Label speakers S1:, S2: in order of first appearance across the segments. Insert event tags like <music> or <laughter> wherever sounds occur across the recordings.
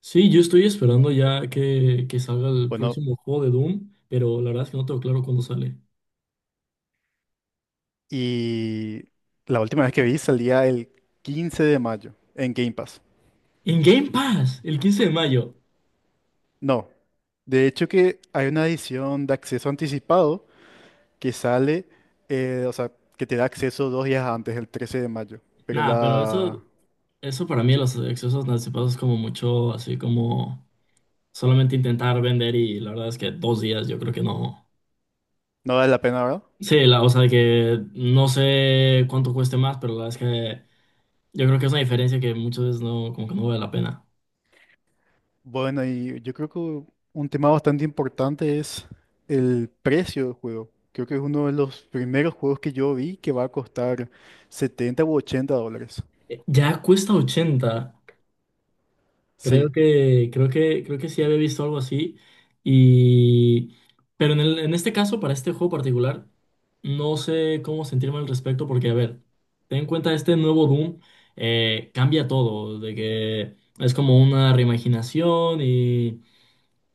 S1: Sí, yo estoy esperando ya que salga el
S2: Bueno,
S1: próximo juego de Doom, pero la verdad es que no tengo claro cuándo sale.
S2: y la última vez que vi salía el 15 de mayo en Game Pass.
S1: En Game Pass, el 15 de mayo.
S2: No, de hecho que hay una edición de acceso anticipado que sale, o sea, que te da acceso dos días antes, el 13 de mayo. Pero
S1: Nada, pero
S2: la...
S1: eso para mí, los accesos anticipados es como mucho, así como solamente intentar vender y la verdad es que 2 días yo creo que no.
S2: no vale la pena, ¿verdad?
S1: Sí, o sea, que no sé cuánto cueste más, pero la verdad es que yo creo que es una diferencia que muchas veces no, como que no vale la pena.
S2: Bueno, y yo creo que un tema bastante importante es el precio del juego. Creo que es uno de los primeros juegos que yo vi que va a costar 70 u 80 dólares.
S1: Ya cuesta 80. Creo
S2: Sí.
S1: que, creo que, creo que sí había visto algo así. Y. Pero en este caso, para este juego particular, no sé cómo sentirme al respecto, porque, a ver, ten en cuenta este nuevo Doom, cambia todo, de que es como una reimaginación y.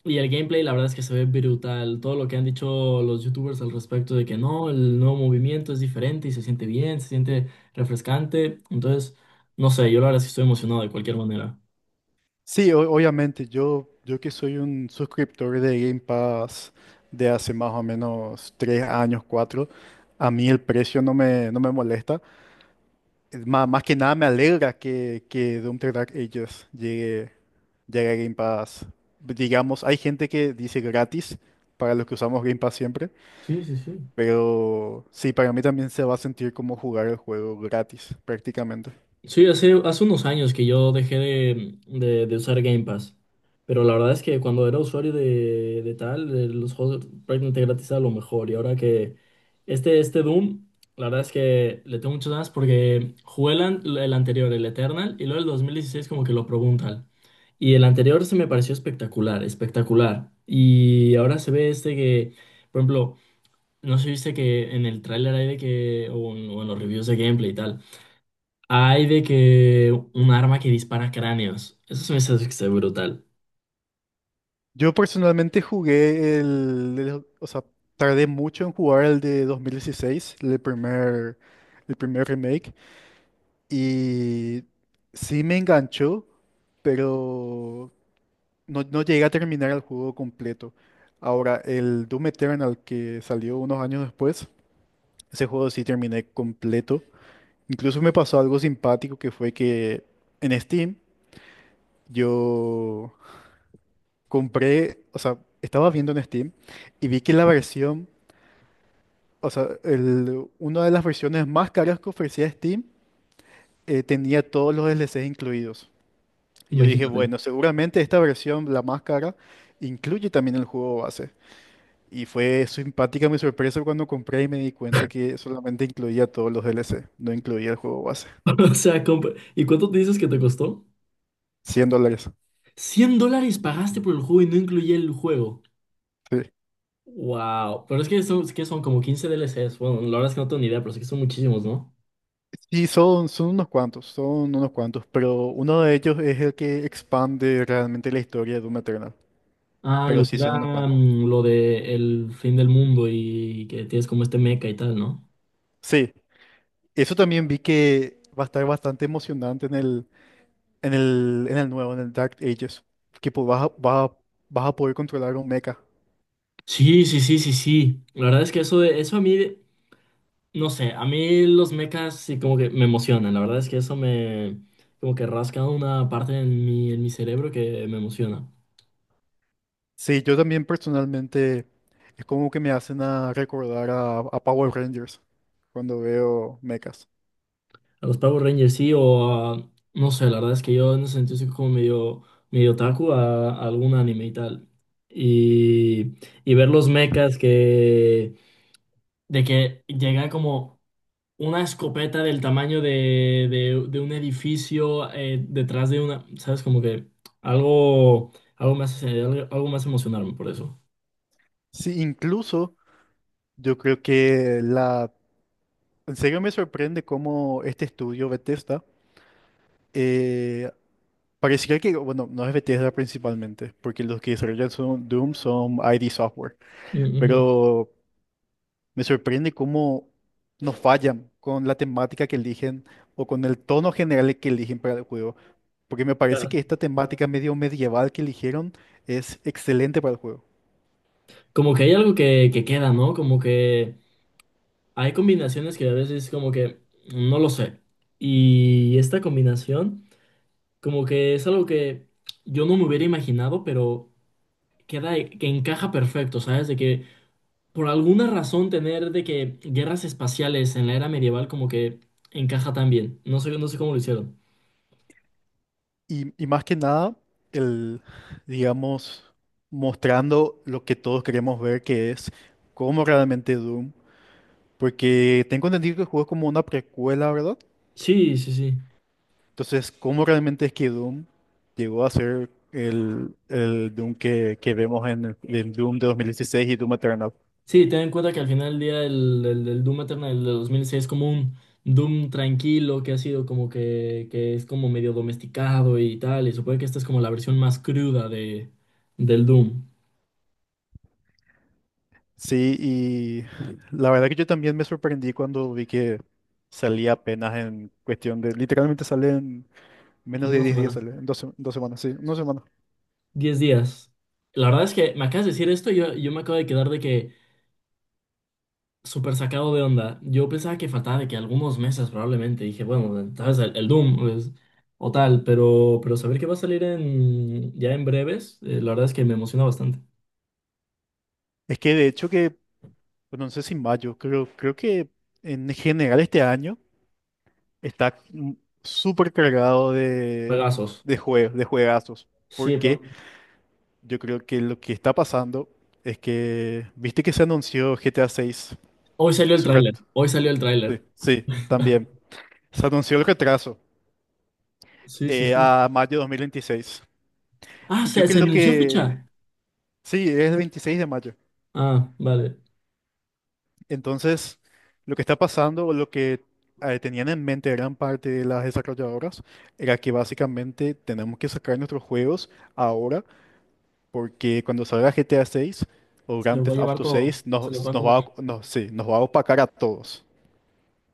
S1: Y el gameplay, la verdad es que se ve brutal. Todo lo que han dicho los youtubers al respecto de que no, el nuevo movimiento es diferente y se siente bien, se siente refrescante. Entonces, no sé, yo la verdad es que estoy emocionado de cualquier manera.
S2: Sí, obviamente, yo que soy un suscriptor de Game Pass de hace más o menos 3 años, 4, a mí el precio no me molesta. Más que nada me alegra que Doom the Dark Ages llegue a Game Pass. Digamos, hay gente que dice gratis para los que usamos Game Pass siempre,
S1: Sí, sí, sí.
S2: pero sí, para mí también se va a sentir como jugar el juego gratis prácticamente.
S1: Sí, hace unos años que yo dejé de usar Game Pass, pero la verdad es que cuando era usuario de tal, de los juegos prácticamente gratis era lo mejor, y ahora que este Doom, la verdad es que le tengo muchas ganas porque jugué el anterior, el Eternal, y luego el 2016 como que lo probé un tal, y el anterior se me pareció espectacular, espectacular, y ahora se ve este que, por ejemplo, no sé si viste que en el tráiler hay de que, o en los reviews de gameplay y tal. Hay de que un arma que dispara cráneos. Eso se me hace que está brutal.
S2: Yo personalmente jugué o sea, tardé mucho en jugar el de 2016, el primer remake, y sí me enganchó, pero no llegué a terminar el juego completo. Ahora, el Doom Eternal que salió unos años después, ese juego sí terminé completo. Incluso me pasó algo simpático que fue que en Steam yo estaba viendo en Steam y vi que la versión o sea, una de las versiones más caras que ofrecía Steam tenía todos los DLCs incluidos. Y yo dije,
S1: Imagínate.
S2: bueno, seguramente esta versión, la más cara, incluye también el juego base. Y fue simpática mi sorpresa cuando compré y me di cuenta que solamente incluía todos los DLC, no incluía el juego base.
S1: <laughs> O sea, ¿Y cuánto te dices que te costó?
S2: ¿100 dólares?
S1: $100 pagaste por el juego y no incluía el juego.
S2: Sí.
S1: Wow. Pero es que son, como 15 DLCs. Bueno, la verdad es que no tengo ni idea, pero sé que son muchísimos, ¿no?
S2: Sí, son unos cuantos, pero uno de ellos es el que expande realmente la historia de Doom Eternal.
S1: Ah,
S2: Pero
S1: lo que
S2: sí son unos
S1: era
S2: cuantos.
S1: lo de el fin del mundo y que tienes como este mecha y tal, ¿no?
S2: Sí. Eso también vi que va a estar bastante emocionante en en el nuevo, en el Dark Ages, que vas a, vas a poder controlar un mecha.
S1: Sí, sí, sí, sí, sí. La verdad es que eso, eso a mí. No sé, a mí los mechas sí como que me emocionan. La verdad es que eso me como que rasca una parte en mi cerebro que me emociona.
S2: Sí, yo también personalmente es como que me hacen a recordar a Power Rangers cuando veo mechas.
S1: A los Power Rangers sí, no sé, la verdad es que yo en ese sentido soy como medio, medio otaku a algún anime y tal. Y, y ver los mechas que de que llegan como una escopeta del tamaño de un edificio detrás de una, ¿sabes? Como que algo más, algo más emocionarme por eso.
S2: Sí, incluso yo creo que la... en serio me sorprende cómo este estudio Bethesda, eh, pareciera que, bueno, no es Bethesda principalmente, porque los que desarrollan son Doom son ID Software,
S1: Mm, ujú.
S2: pero me sorprende cómo nos fallan con la temática que eligen o con el tono general que eligen para el juego. Porque me parece
S1: Ya.
S2: que esta temática medio medieval que eligieron es excelente para el juego.
S1: Como que hay algo que queda, ¿no? Como que hay combinaciones que a veces como que no lo sé. Y esta combinación como que es algo que yo no me hubiera imaginado, pero queda, que encaja perfecto, ¿sabes? De que por alguna razón tener de que guerras espaciales en la era medieval como que encaja tan bien. No sé, no sé cómo lo hicieron.
S2: Y más que nada, el, digamos, mostrando lo que todos queremos ver, que es cómo realmente Doom. Porque tengo entendido que el juego es como una precuela, ¿verdad?
S1: Sí, sí, sí.
S2: Entonces, ¿cómo realmente es que Doom llegó a ser el Doom que vemos en el Doom de 2016 y Doom Eternal?
S1: Sí, ten en cuenta que al final del día el Doom Eternal del 2006 es como un Doom tranquilo que ha sido como que es como medio domesticado y tal. Y supongo que esta es como la versión más cruda del Doom.
S2: Sí, y la verdad que yo también me sorprendí cuando vi que salía apenas en cuestión de, literalmente sale en menos
S1: En
S2: de
S1: una
S2: 10 días,
S1: semana.
S2: sale, 2 semanas, sí, en 2 semanas.
S1: 10 días. La verdad es que me acabas de decir esto y yo me acabo de quedar de que. Súper sacado de onda. Yo pensaba que faltaba de que algunos meses probablemente. Dije, bueno, tal vez el Doom pues, o tal, pero saber que va a salir ya en breves, la verdad es que me emociona bastante.
S2: Es que de hecho que, bueno, no sé si mayo, creo que en general este año está súper cargado
S1: Juegazos.
S2: de juegos, de juegazos.
S1: Sí,
S2: Porque
S1: pero.
S2: yo creo que lo que está pasando es que, viste que se anunció GTA 6,
S1: Hoy salió el
S2: sí,
S1: tráiler. Hoy salió el tráiler.
S2: sí, también.
S1: <laughs>
S2: Se anunció el retraso,
S1: Sí, sí, sí.
S2: a mayo de 2026.
S1: Ah,
S2: Y
S1: ¿se,
S2: yo
S1: se
S2: creo
S1: anunció
S2: que,
S1: fecha?
S2: sí, es el 26 de mayo.
S1: Ah, vale.
S2: Entonces, lo que está pasando, o lo que tenían en mente gran parte de las desarrolladoras, era que básicamente tenemos que sacar nuestros juegos ahora, porque cuando salga GTA 6 o
S1: Se
S2: Grand
S1: los va a
S2: Theft
S1: llevar
S2: Auto
S1: todo.
S2: 6,
S1: Se los va
S2: nos,
S1: a
S2: nos va, a-
S1: comer.
S2: nos, sí, nos va a opacar a todos.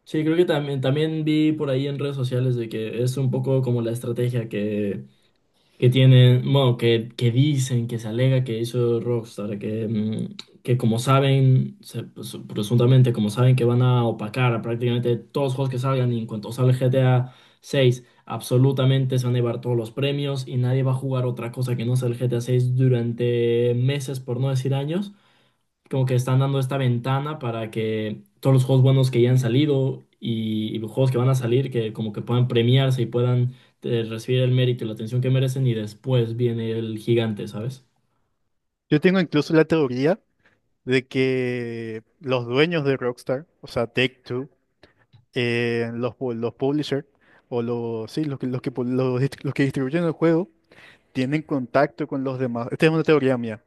S1: Sí, creo que también, también vi por ahí en redes sociales de que es un poco como la estrategia que tienen, bueno, que dicen, que se alega que hizo Rockstar, que, que como saben, pues, presuntamente como saben que van a opacar a prácticamente todos los juegos que salgan y en cuanto sale GTA 6, absolutamente se van a llevar todos los premios y nadie va a jugar otra cosa que no sea el GTA 6 durante meses, por no decir años, como que están dando esta ventana para que todos los juegos buenos que ya han salido y los juegos que van a salir, que como que puedan premiarse y puedan recibir el mérito y la atención que merecen y después viene el gigante, ¿sabes?
S2: Yo tengo incluso la teoría de que los dueños de Rockstar, o sea, Take-Two, los publishers, sí, los que los que distribuyen el juego, tienen contacto con los demás. Esta es una teoría mía.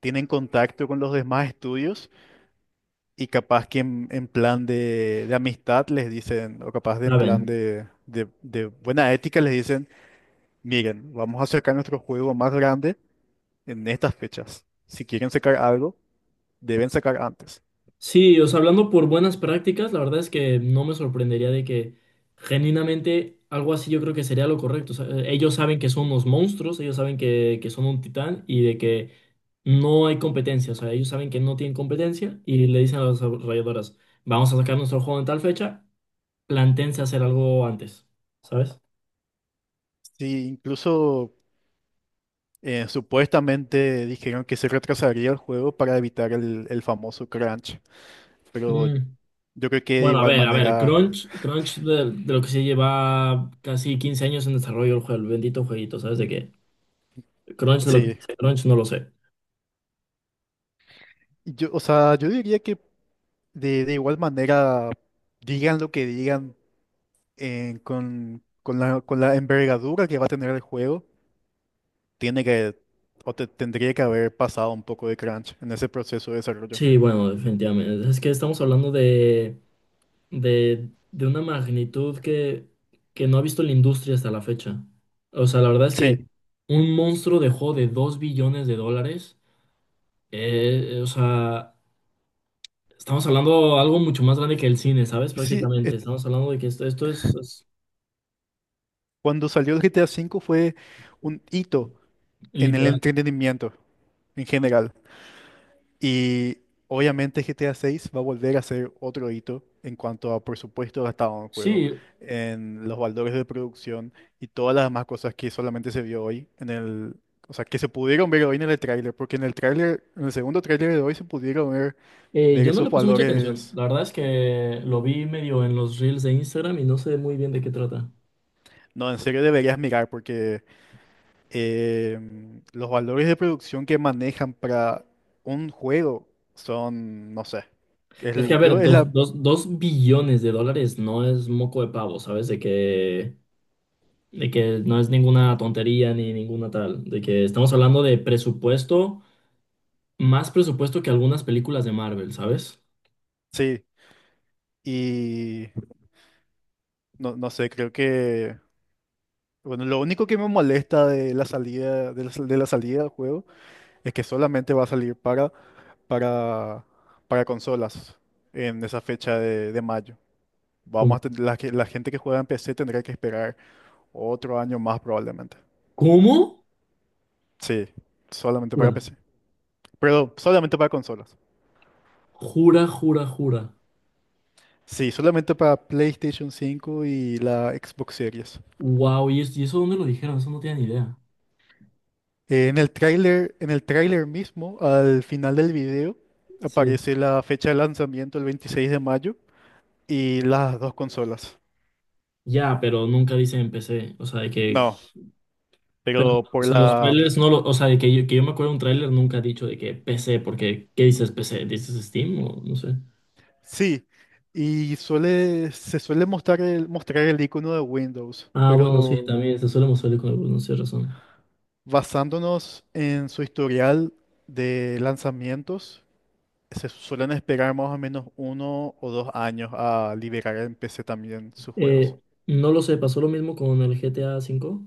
S2: Tienen contacto con los demás estudios y capaz que en plan de amistad les dicen, o capaz de en plan
S1: Saben.
S2: de buena ética les dicen, miren, vamos a sacar nuestro juego más grande en estas fechas. Si quieren sacar algo, deben sacar antes.
S1: Sí, o sea, hablando por buenas prácticas, la verdad es que no me sorprendería de que genuinamente algo así yo creo que sería lo correcto. O sea, ellos saben que son unos monstruos, ellos saben que son un titán y de que no hay competencia, o sea, ellos saben que no tienen competencia y le dicen a las desarrolladoras, vamos a sacar nuestro juego en tal fecha, plantéense hacer algo antes, ¿sabes?
S2: Sí, incluso supuestamente dijeron que se retrasaría el juego para evitar el famoso crunch, pero
S1: Mm,
S2: yo creo que de
S1: Bueno,
S2: igual
S1: a ver,
S2: manera,
S1: Crunch, Crunch de lo que se lleva casi 15 años en desarrollo el juego, el bendito jueguito, ¿sabes de qué? Crunch de lo que
S2: sí.
S1: dice Crunch no lo sé.
S2: Y yo diría que de igual manera, digan lo que digan con la envergadura que va a tener el juego, tiene que, o te- tendría que haber pasado un poco de crunch en ese proceso de desarrollo.
S1: Sí, bueno, definitivamente. Es que estamos hablando de una magnitud que no ha visto la industria hasta la fecha. O sea, la verdad es
S2: Sí,
S1: que un monstruo dejó de 2 billones de dólares. O sea, estamos hablando de algo mucho más grande que el cine, ¿sabes?
S2: sí,
S1: Prácticamente. Estamos hablando de que esto es
S2: cuando salió el GTA V fue un hito en el
S1: literal.
S2: entretenimiento en general. Y obviamente GTA 6 va a volver a ser otro hito en cuanto a presupuesto gastado en el juego,
S1: Sí,
S2: en los valores de producción y todas las demás cosas que solamente se vio hoy en el, o sea, que se pudieron ver hoy en el tráiler, porque en el segundo tráiler de hoy se pudieron ver
S1: yo no
S2: esos
S1: le puse mucha atención.
S2: valores.
S1: La verdad es que lo vi medio en los reels de Instagram y no sé muy bien de qué trata.
S2: No, en serio deberías mirar porque los valores de producción que manejan para un juego son, no sé,
S1: Es que, a
S2: el, yo
S1: ver,
S2: es
S1: dos,
S2: la,
S1: dos, 2 billones de dólares no es moco de pavo, ¿sabes? De que no es ninguna tontería ni ninguna tal, de que estamos hablando de presupuesto, más presupuesto que algunas películas de Marvel, ¿sabes?
S2: sí. Y no sé, creo que... Bueno, lo único que me molesta de la salida, de la salida del juego es que solamente va a salir para, para consolas en esa fecha de mayo. Vamos a
S1: Como-
S2: tener, la gente que juega en PC tendrá que esperar otro año más probablemente.
S1: ¿Cómo?
S2: Sí, solamente para
S1: Jura,
S2: PC. Pero solamente para consolas.
S1: jura, jura, jura.
S2: Sí, solamente para PlayStation 5 y la Xbox Series.
S1: Wow, ¿y eso dónde lo dijeron? Eso no tienen idea.
S2: En en el tráiler mismo, al final del video,
S1: Sí.
S2: aparece la fecha de lanzamiento el 26 de mayo y las dos consolas.
S1: Ya, pero nunca dice en PC, o sea, de que
S2: No,
S1: pero,
S2: pero
S1: o
S2: por
S1: sea, los
S2: la...
S1: trailers no lo, o sea, de que yo me acuerdo de un trailer nunca ha dicho de que PC, porque ¿qué dices PC? ¿Dices Steam o no sé?
S2: sí, y se suele mostrar mostrar el icono de Windows,
S1: Ah, bueno, sí,
S2: pero
S1: también se suele mostrar con el no sé razón.
S2: basándonos en su historial de lanzamientos, se suelen esperar más o menos 1 o 2 años a liberar en PC también sus
S1: Eh,
S2: juegos.
S1: no lo sé, pasó lo mismo con el GTA 5.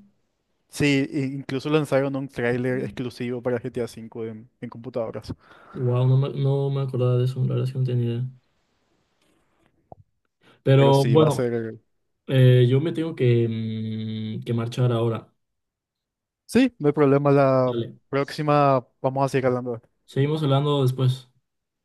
S2: Sí, e incluso lanzaron un tráiler exclusivo para GTA V en computadoras.
S1: Wow, no me acordaba de eso, la verdad es que no tenía idea.
S2: Pero
S1: Pero
S2: sí, va a
S1: bueno,
S2: ser...
S1: yo me tengo que marchar ahora.
S2: Sí, no hay problema. La
S1: Dale.
S2: próxima vamos a seguir hablando de esto.
S1: Seguimos hablando después.